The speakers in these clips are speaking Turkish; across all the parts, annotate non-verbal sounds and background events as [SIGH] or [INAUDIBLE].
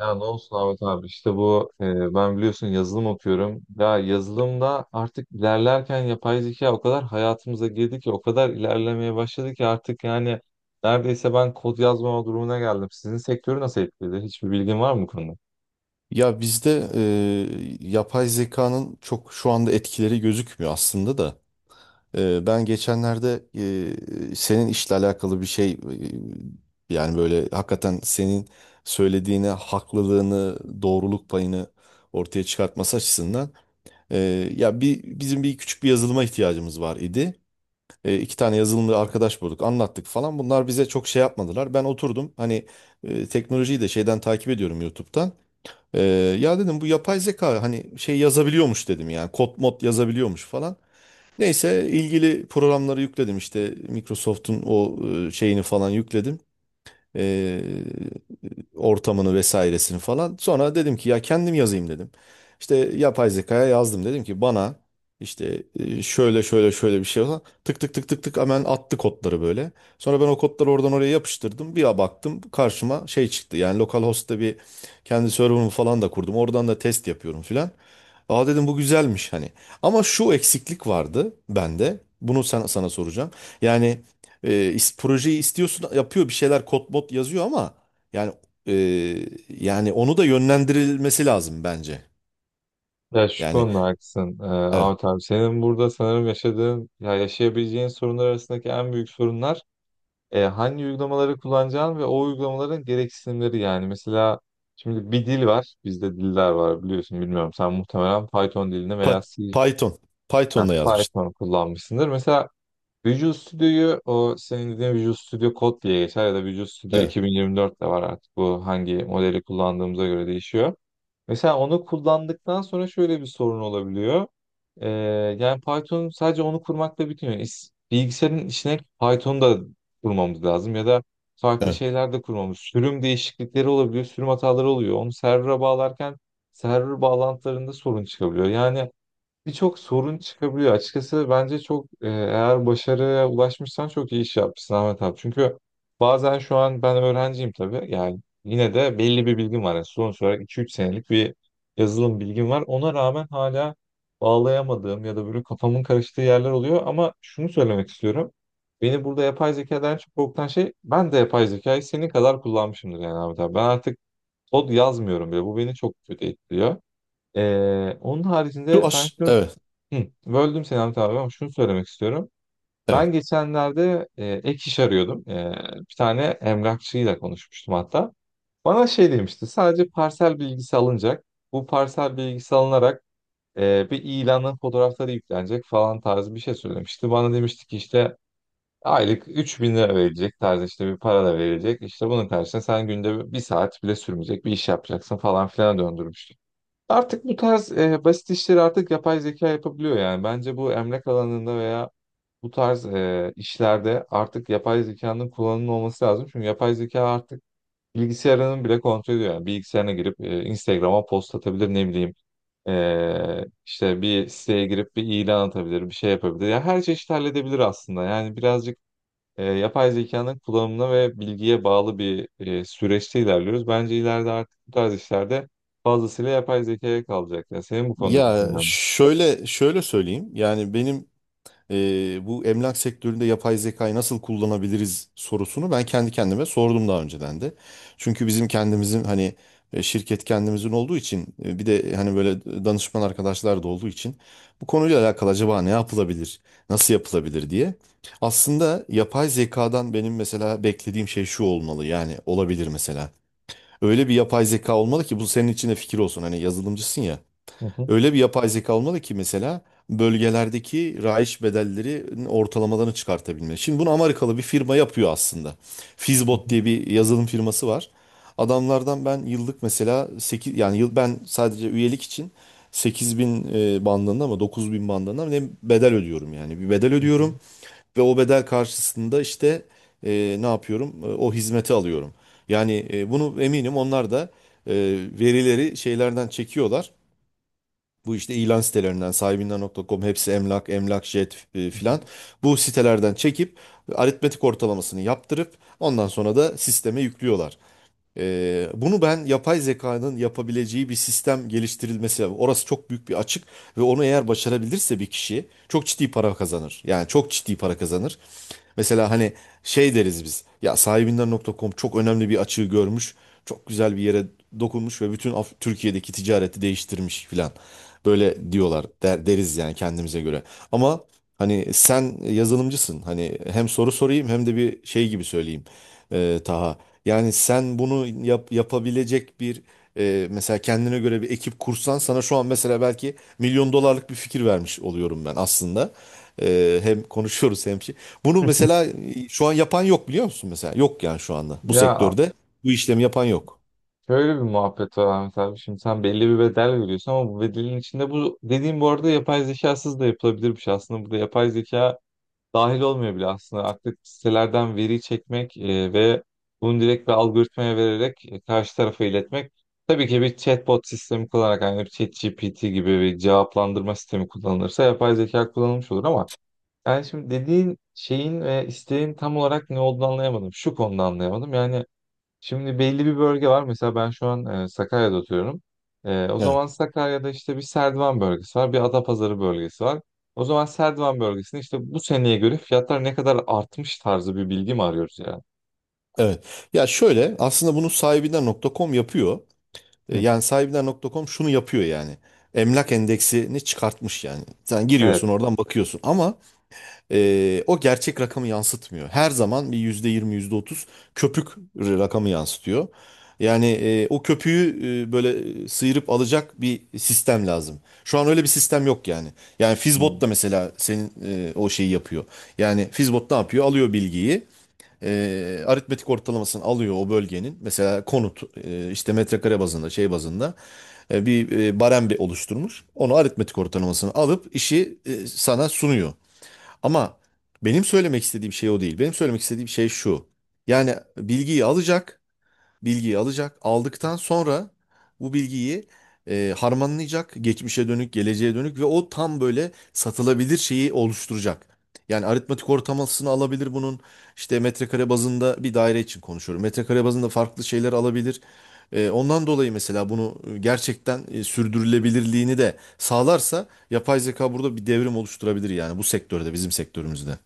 Ya ne olsun Ahmet abi işte ben biliyorsun yazılım okuyorum. Ya yazılımda artık ilerlerken yapay zeka o kadar hayatımıza girdi ki o kadar ilerlemeye başladı ki artık yani neredeyse ben kod yazmama durumuna geldim. Sizin sektörü nasıl etkiledi? Hiçbir bilgin var mı bu konuda? Ya bizde yapay zekanın çok şu anda etkileri gözükmüyor aslında da. Ben geçenlerde senin işle alakalı bir şey yani böyle hakikaten senin söylediğine haklılığını, doğruluk payını ortaya çıkartması açısından e, ya bir bizim bir küçük bir yazılıma ihtiyacımız var idi. İki tane yazılımcı arkadaş bulduk, anlattık falan. Bunlar bize çok şey yapmadılar. Ben oturdum hani teknolojiyi de şeyden takip ediyorum YouTube'dan. Ee, Ya dedim bu yapay zeka hani şey yazabiliyormuş dedim yani kod mod yazabiliyormuş falan. Neyse ilgili programları yükledim işte Microsoft'un o şeyini falan yükledim. Ee, Ortamını vesairesini falan. Sonra dedim ki ya kendim yazayım dedim. İşte yapay zekaya yazdım dedim ki bana işte şöyle şöyle şöyle bir şey olsa tık tık tık tık tık hemen attı kodları böyle. Sonra ben o kodları oradan oraya yapıştırdım. Bir baktım karşıma şey çıktı. Yani localhost'ta bir kendi server'ımı falan da kurdum. Oradan da test yapıyorum filan. Aa dedim bu güzelmiş hani. Ama şu eksiklik vardı bende. Bunu sana soracağım. Yani projeyi istiyorsun yapıyor bir şeyler kod mod yazıyor ama yani yani onu da yönlendirilmesi lazım bence. Ya şu Yani konuda evet. haklısın Evet. Ahmet abi. Senin burada sanırım yaşadığın ya yaşayabileceğin sorunlar arasındaki en büyük sorunlar hangi uygulamaları kullanacağın ve o uygulamaların gereksinimleri yani. Mesela şimdi bir dil var. Bizde diller var biliyorsun bilmiyorum. Sen muhtemelen Python dilini veya Pa- C, Python. heh, Python'la yazmıştım. Python kullanmışsındır. Mesela Visual Studio'yu o senin dediğin Visual Studio Code diye geçer ya da Visual Studio Evet. 2024 de var artık. Bu hangi modeli kullandığımıza göre değişiyor. Mesela onu kullandıktan sonra şöyle bir sorun olabiliyor. Ee, Yani Python sadece onu kurmakla bitmiyor. Bilgisayarın içine Python da kurmamız lazım ya da farklı Evet. şeyler de kurmamız. Sürüm değişiklikleri olabiliyor, sürüm hataları oluyor. Onu server'a bağlarken server bağlantılarında sorun çıkabiliyor. Yani birçok sorun çıkabiliyor. Açıkçası bence çok eğer başarıya ulaşmışsan çok iyi iş yapmışsın Ahmet abi. Çünkü bazen şu an ben öğrenciyim tabii. Yani yine de belli bir bilgim var. Yani sonuç olarak iki üç senelik bir yazılım bilgim var. Ona rağmen hala bağlayamadığım ya da böyle kafamın karıştığı yerler oluyor. Ama şunu söylemek istiyorum. Beni burada yapay zekadan çok korkutan şey ben de yapay zekayı senin kadar kullanmışımdır yani Ahmet abi. Ben artık kod yazmıyorum bile. Bu beni çok kötü etkiliyor. Onun Şu haricinde ben aş şu evet. Hı, böldüm seni Hamit abi ama şunu söylemek istiyorum. Evet. Ben geçenlerde ek iş arıyordum. E, bir tane emlakçıyla konuşmuştum hatta. Bana şey demişti, sadece parsel bilgisi alınacak. Bu parsel bilgisi alınarak bir ilanın fotoğrafları yüklenecek falan tarzı bir şey söylemişti. Bana demişti ki işte aylık 3000 lira verilecek tarzı işte bir para da verilecek. İşte bunun karşısında sen günde bir saat bile sürmeyecek bir iş yapacaksın falan filan. Artık bu tarz basit işleri artık yapay zeka yapabiliyor yani. Bence bu emlak alanında veya bu tarz işlerde artık yapay zekanın kullanımı olması lazım. Çünkü yapay zeka artık bilgisayarının bile kontrol ediyor. Yani bilgisayarına girip Instagram'a post atabilir, ne bileyim. E, işte bir siteye girip bir ilan atabilir, bir şey yapabilir. Ya her çeşit halledebilir aslında. Yani birazcık yapay zekanın kullanımına ve bilgiye bağlı bir süreçte ilerliyoruz. Bence ileride artık bu tarz işlerde fazlasıyla yapay zekaya kalacak. Ya senin bu konudaki Ya fikrin? şöyle şöyle söyleyeyim. Yani benim bu emlak sektöründe yapay zekayı nasıl kullanabiliriz sorusunu ben kendi kendime sordum daha önceden de. Çünkü bizim kendimizin hani şirket kendimizin olduğu için bir de hani böyle danışman arkadaşlar da olduğu için bu konuyla alakalı acaba ne yapılabilir, nasıl yapılabilir diye. Aslında yapay zekadan benim mesela beklediğim şey şu olmalı yani olabilir mesela. Öyle bir yapay zeka olmalı ki bu senin için de fikir olsun. Hani yazılımcısın ya. Hı hı, Öyle bir yapay zeka olmalı ki mesela bölgelerdeki rayiç bedellerinin ortalamalarını çıkartabilme. Şimdi bunu Amerikalı bir firma yapıyor aslında. hı Fizbot hı, diye bir yazılım firması var. Adamlardan ben yıllık mesela 8 yani yıl ben sadece üyelik için 8.000 bandında ama 9.000 bandında mı ne bedel ödüyorum yani. Bir bedel hı hı. ödüyorum ve o bedel karşısında işte ne yapıyorum? O hizmeti alıyorum. Yani bunu eminim onlar da e, verileri şeylerden çekiyorlar. Bu işte ilan sitelerinden, sahibinden.com, hepsi emlak, emlakjet filan. Bu sitelerden çekip aritmetik ortalamasını yaptırıp ondan sonra da sisteme yüklüyorlar. Bunu ben yapay zekanın yapabileceği bir sistem geliştirilmesi lazım. Orası çok büyük bir açık ve onu eğer başarabilirse bir kişi çok ciddi para kazanır. Yani çok ciddi para kazanır. Mesela hani şey deriz biz. Ya sahibinden.com çok önemli bir açığı görmüş. Çok güzel bir yere dokunmuş ve bütün Türkiye'deki ticareti değiştirmiş filan. Böyle diyorlar deriz yani kendimize göre. Ama hani sen yazılımcısın. Hani hem soru sorayım hem de bir şey gibi söyleyeyim. Taha. Yani sen bunu yapabilecek bir mesela kendine göre bir ekip kursan sana şu an mesela belki milyon dolarlık bir fikir vermiş oluyorum ben aslında. Hem konuşuyoruz hem şey. Bunu mesela şu an yapan yok biliyor musun mesela? Yok yani şu anda bu Ya sektörde bu işlemi yapan yok. şöyle bir muhabbet var Ahmet abi. Şimdi sen belli bir bedel veriyorsun ama bu bedelin içinde bu dediğim, bu arada, yapay zekasız da yapılabilirmiş aslında. Burada yapay zeka dahil olmuyor bile aslında. Artık sitelerden veri çekmek ve bunu direkt bir algoritmaya vererek karşı tarafa iletmek. Tabii ki bir chatbot sistemi kullanarak yani bir ChatGPT gibi bir cevaplandırma sistemi kullanılırsa yapay zeka kullanılmış olur ama yani şimdi dediğin şeyin ve isteğin tam olarak ne olduğunu anlayamadım. Şu konuda anlayamadım. Yani şimdi belli bir bölge var. Mesela ben şu an Sakarya'da oturuyorum. E, o zaman Evet. Sakarya'da işte bir Serdivan bölgesi var, bir Adapazarı bölgesi var. O zaman Serdivan bölgesinde işte bu seneye göre fiyatlar ne kadar artmış tarzı bir bilgi mi arıyoruz yani? Evet. Ya şöyle aslında bunu sahibinden.com yapıyor. Hı, Yani sahibinden.com şunu yapıyor yani. Emlak endeksini çıkartmış yani. Sen evet. giriyorsun oradan bakıyorsun ama o gerçek rakamı yansıtmıyor. Her zaman bir %20 yüzde otuz köpük rakamı yansıtıyor. Yani o köpüğü böyle sıyırıp alacak bir sistem lazım. Şu an öyle bir sistem yok yani. Yani Fizbot Hı. da mesela senin o şeyi yapıyor. Yani Fizbot ne yapıyor? Alıyor bilgiyi. e, Aritmetik ortalamasını alıyor o bölgenin. Mesela konut işte metrekare bazında şey bazında bir barem bir oluşturmuş. Onu aritmetik ortalamasını alıp işi sana sunuyor. Ama benim söylemek istediğim şey o değil. Benim söylemek istediğim şey şu. Yani bilgiyi alacak bilgiyi alacak. Aldıktan sonra bu bilgiyi harmanlayacak. Geçmişe dönük, geleceğe dönük ve o tam böyle satılabilir şeyi oluşturacak. Yani aritmetik ortalamasını alabilir bunun. İşte metrekare bazında bir daire için konuşuyorum. Metrekare bazında farklı şeyler alabilir. Ondan dolayı mesela bunu gerçekten sürdürülebilirliğini de sağlarsa yapay zeka burada bir devrim oluşturabilir yani bu sektörde, bizim sektörümüzde.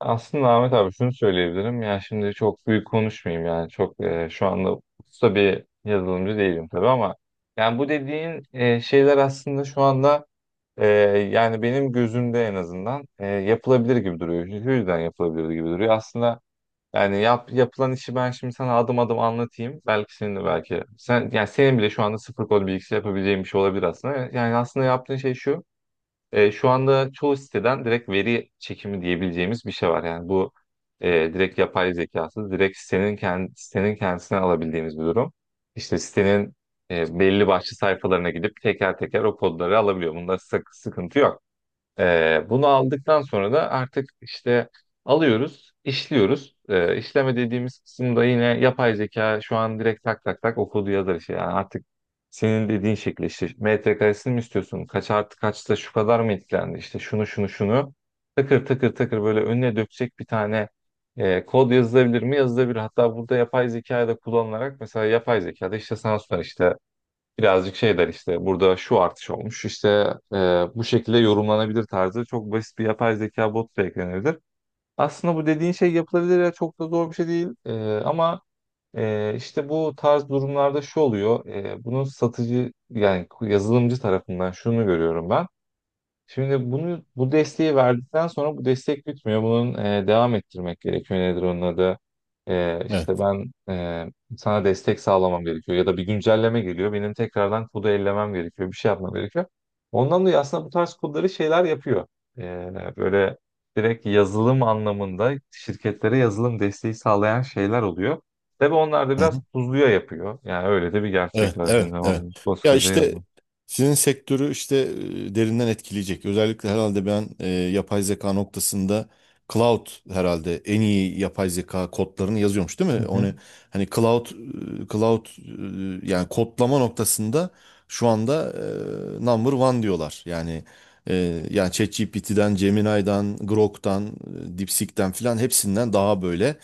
Aslında Ahmet abi şunu söyleyebilirim. Yani şimdi çok büyük konuşmayayım, yani çok şu anda usta bir yazılımcı değilim tabii ama yani bu dediğin şeyler aslında şu anda Ee, Yani benim gözümde en azından yapılabilir gibi duruyor. Şu yüzden yapılabilir gibi duruyor. Aslında yani yapılan işi ben şimdi sana adım adım anlatayım. Belki senin de belki sen, yani senin bile şu anda sıfır kod bilgisi yapabileceğin bir şey olabilir aslında. Yani aslında yaptığın şey şu. E, şu anda çoğu siteden direkt veri çekimi diyebileceğimiz bir şey var. Yani bu direkt yapay zekası, direkt sitenin kendisine alabildiğimiz bir durum. İşte sitenin belli başlı sayfalarına gidip teker teker o kodları alabiliyor. Bunda sıkıntı yok. Bunu aldıktan sonra da artık işte alıyoruz, işliyoruz. İşleme dediğimiz kısımda yine yapay zeka şu an direkt tak tak tak okudu yazar işte. Yani artık senin dediğin şekilde işte metrekaresini mi istiyorsun? Kaç artı kaçta şu kadar mı etkilendi? İşte şunu şunu şunu takır takır takır böyle önüne dökecek bir tane kod yazılabilir mi? Yazılabilir. Hatta burada yapay zekayı da kullanılarak mesela yapay zekada işte sana sorar işte birazcık şey der, işte burada şu artış olmuş işte, e, bu şekilde yorumlanabilir tarzı çok basit bir yapay zeka bot da eklenebilir. Aslında bu dediğin şey yapılabilir ya, çok da zor bir şey değil. Ama işte bu tarz durumlarda şu oluyor. Bunun satıcı yani yazılımcı tarafından şunu görüyorum ben. Şimdi bunu, bu desteği verdikten sonra bu destek bitmiyor. Bunun devam ettirmek gerekiyor. Nedir onun adı? E, işte ben e, Sana destek sağlamam gerekiyor. Ya da bir güncelleme geliyor. Benim tekrardan kodu ellemem gerekiyor. Bir şey yapmam gerekiyor. Ondan dolayı aslında bu tarz kodları şeyler yapıyor. Böyle direkt yazılım anlamında şirketlere yazılım desteği sağlayan şeyler oluyor. Tabii onlar da biraz Evet. tuzluya yapıyor. Yani öyle de bir Evet, gerçek var evet, şimdi evet. onun Ya koskoca işte yazılım. sizin sektörü işte derinden etkileyecek. Özellikle herhalde ben yapay zeka noktasında cloud herhalde en iyi yapay zeka kodlarını yazıyormuş değil Hı mi? hı. Onu hani cloud yani kodlama noktasında şu anda number one diyorlar. Yani yani ChatGPT'den, Gemini'den, Grok'tan, DeepSeek'ten filan hepsinden daha böyle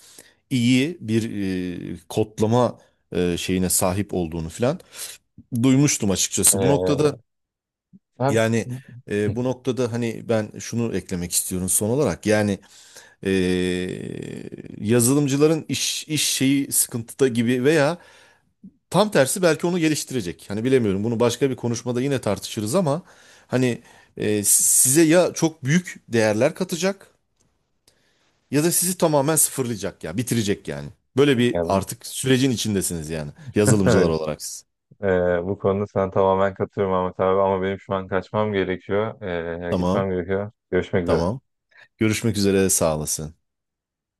iyi bir kodlama şeyine sahip olduğunu filan duymuştum açıkçası. Bu E, noktada ben- yani bu noktada hani ben şunu eklemek istiyorum son olarak. Yani e, yazılımcıların iş şeyi sıkıntıda gibi veya tam tersi belki onu geliştirecek. Hani bilemiyorum. Bunu başka bir konuşmada yine tartışırız ama hani size ya çok büyük değerler katacak ya da sizi tamamen sıfırlayacak ya, bitirecek yani. Böyle Ya bir bu- artık sürecin içindesiniz yani [LAUGHS] yazılımcılar evet, olarak siz. e, bu konuda sana tamamen katılıyorum Ahmet abi ama benim şu an kaçmam gerekiyor. Tamam, Gitmem gerekiyor. Görüşmek üzere. tamam. Görüşmek üzere, sağ olasın.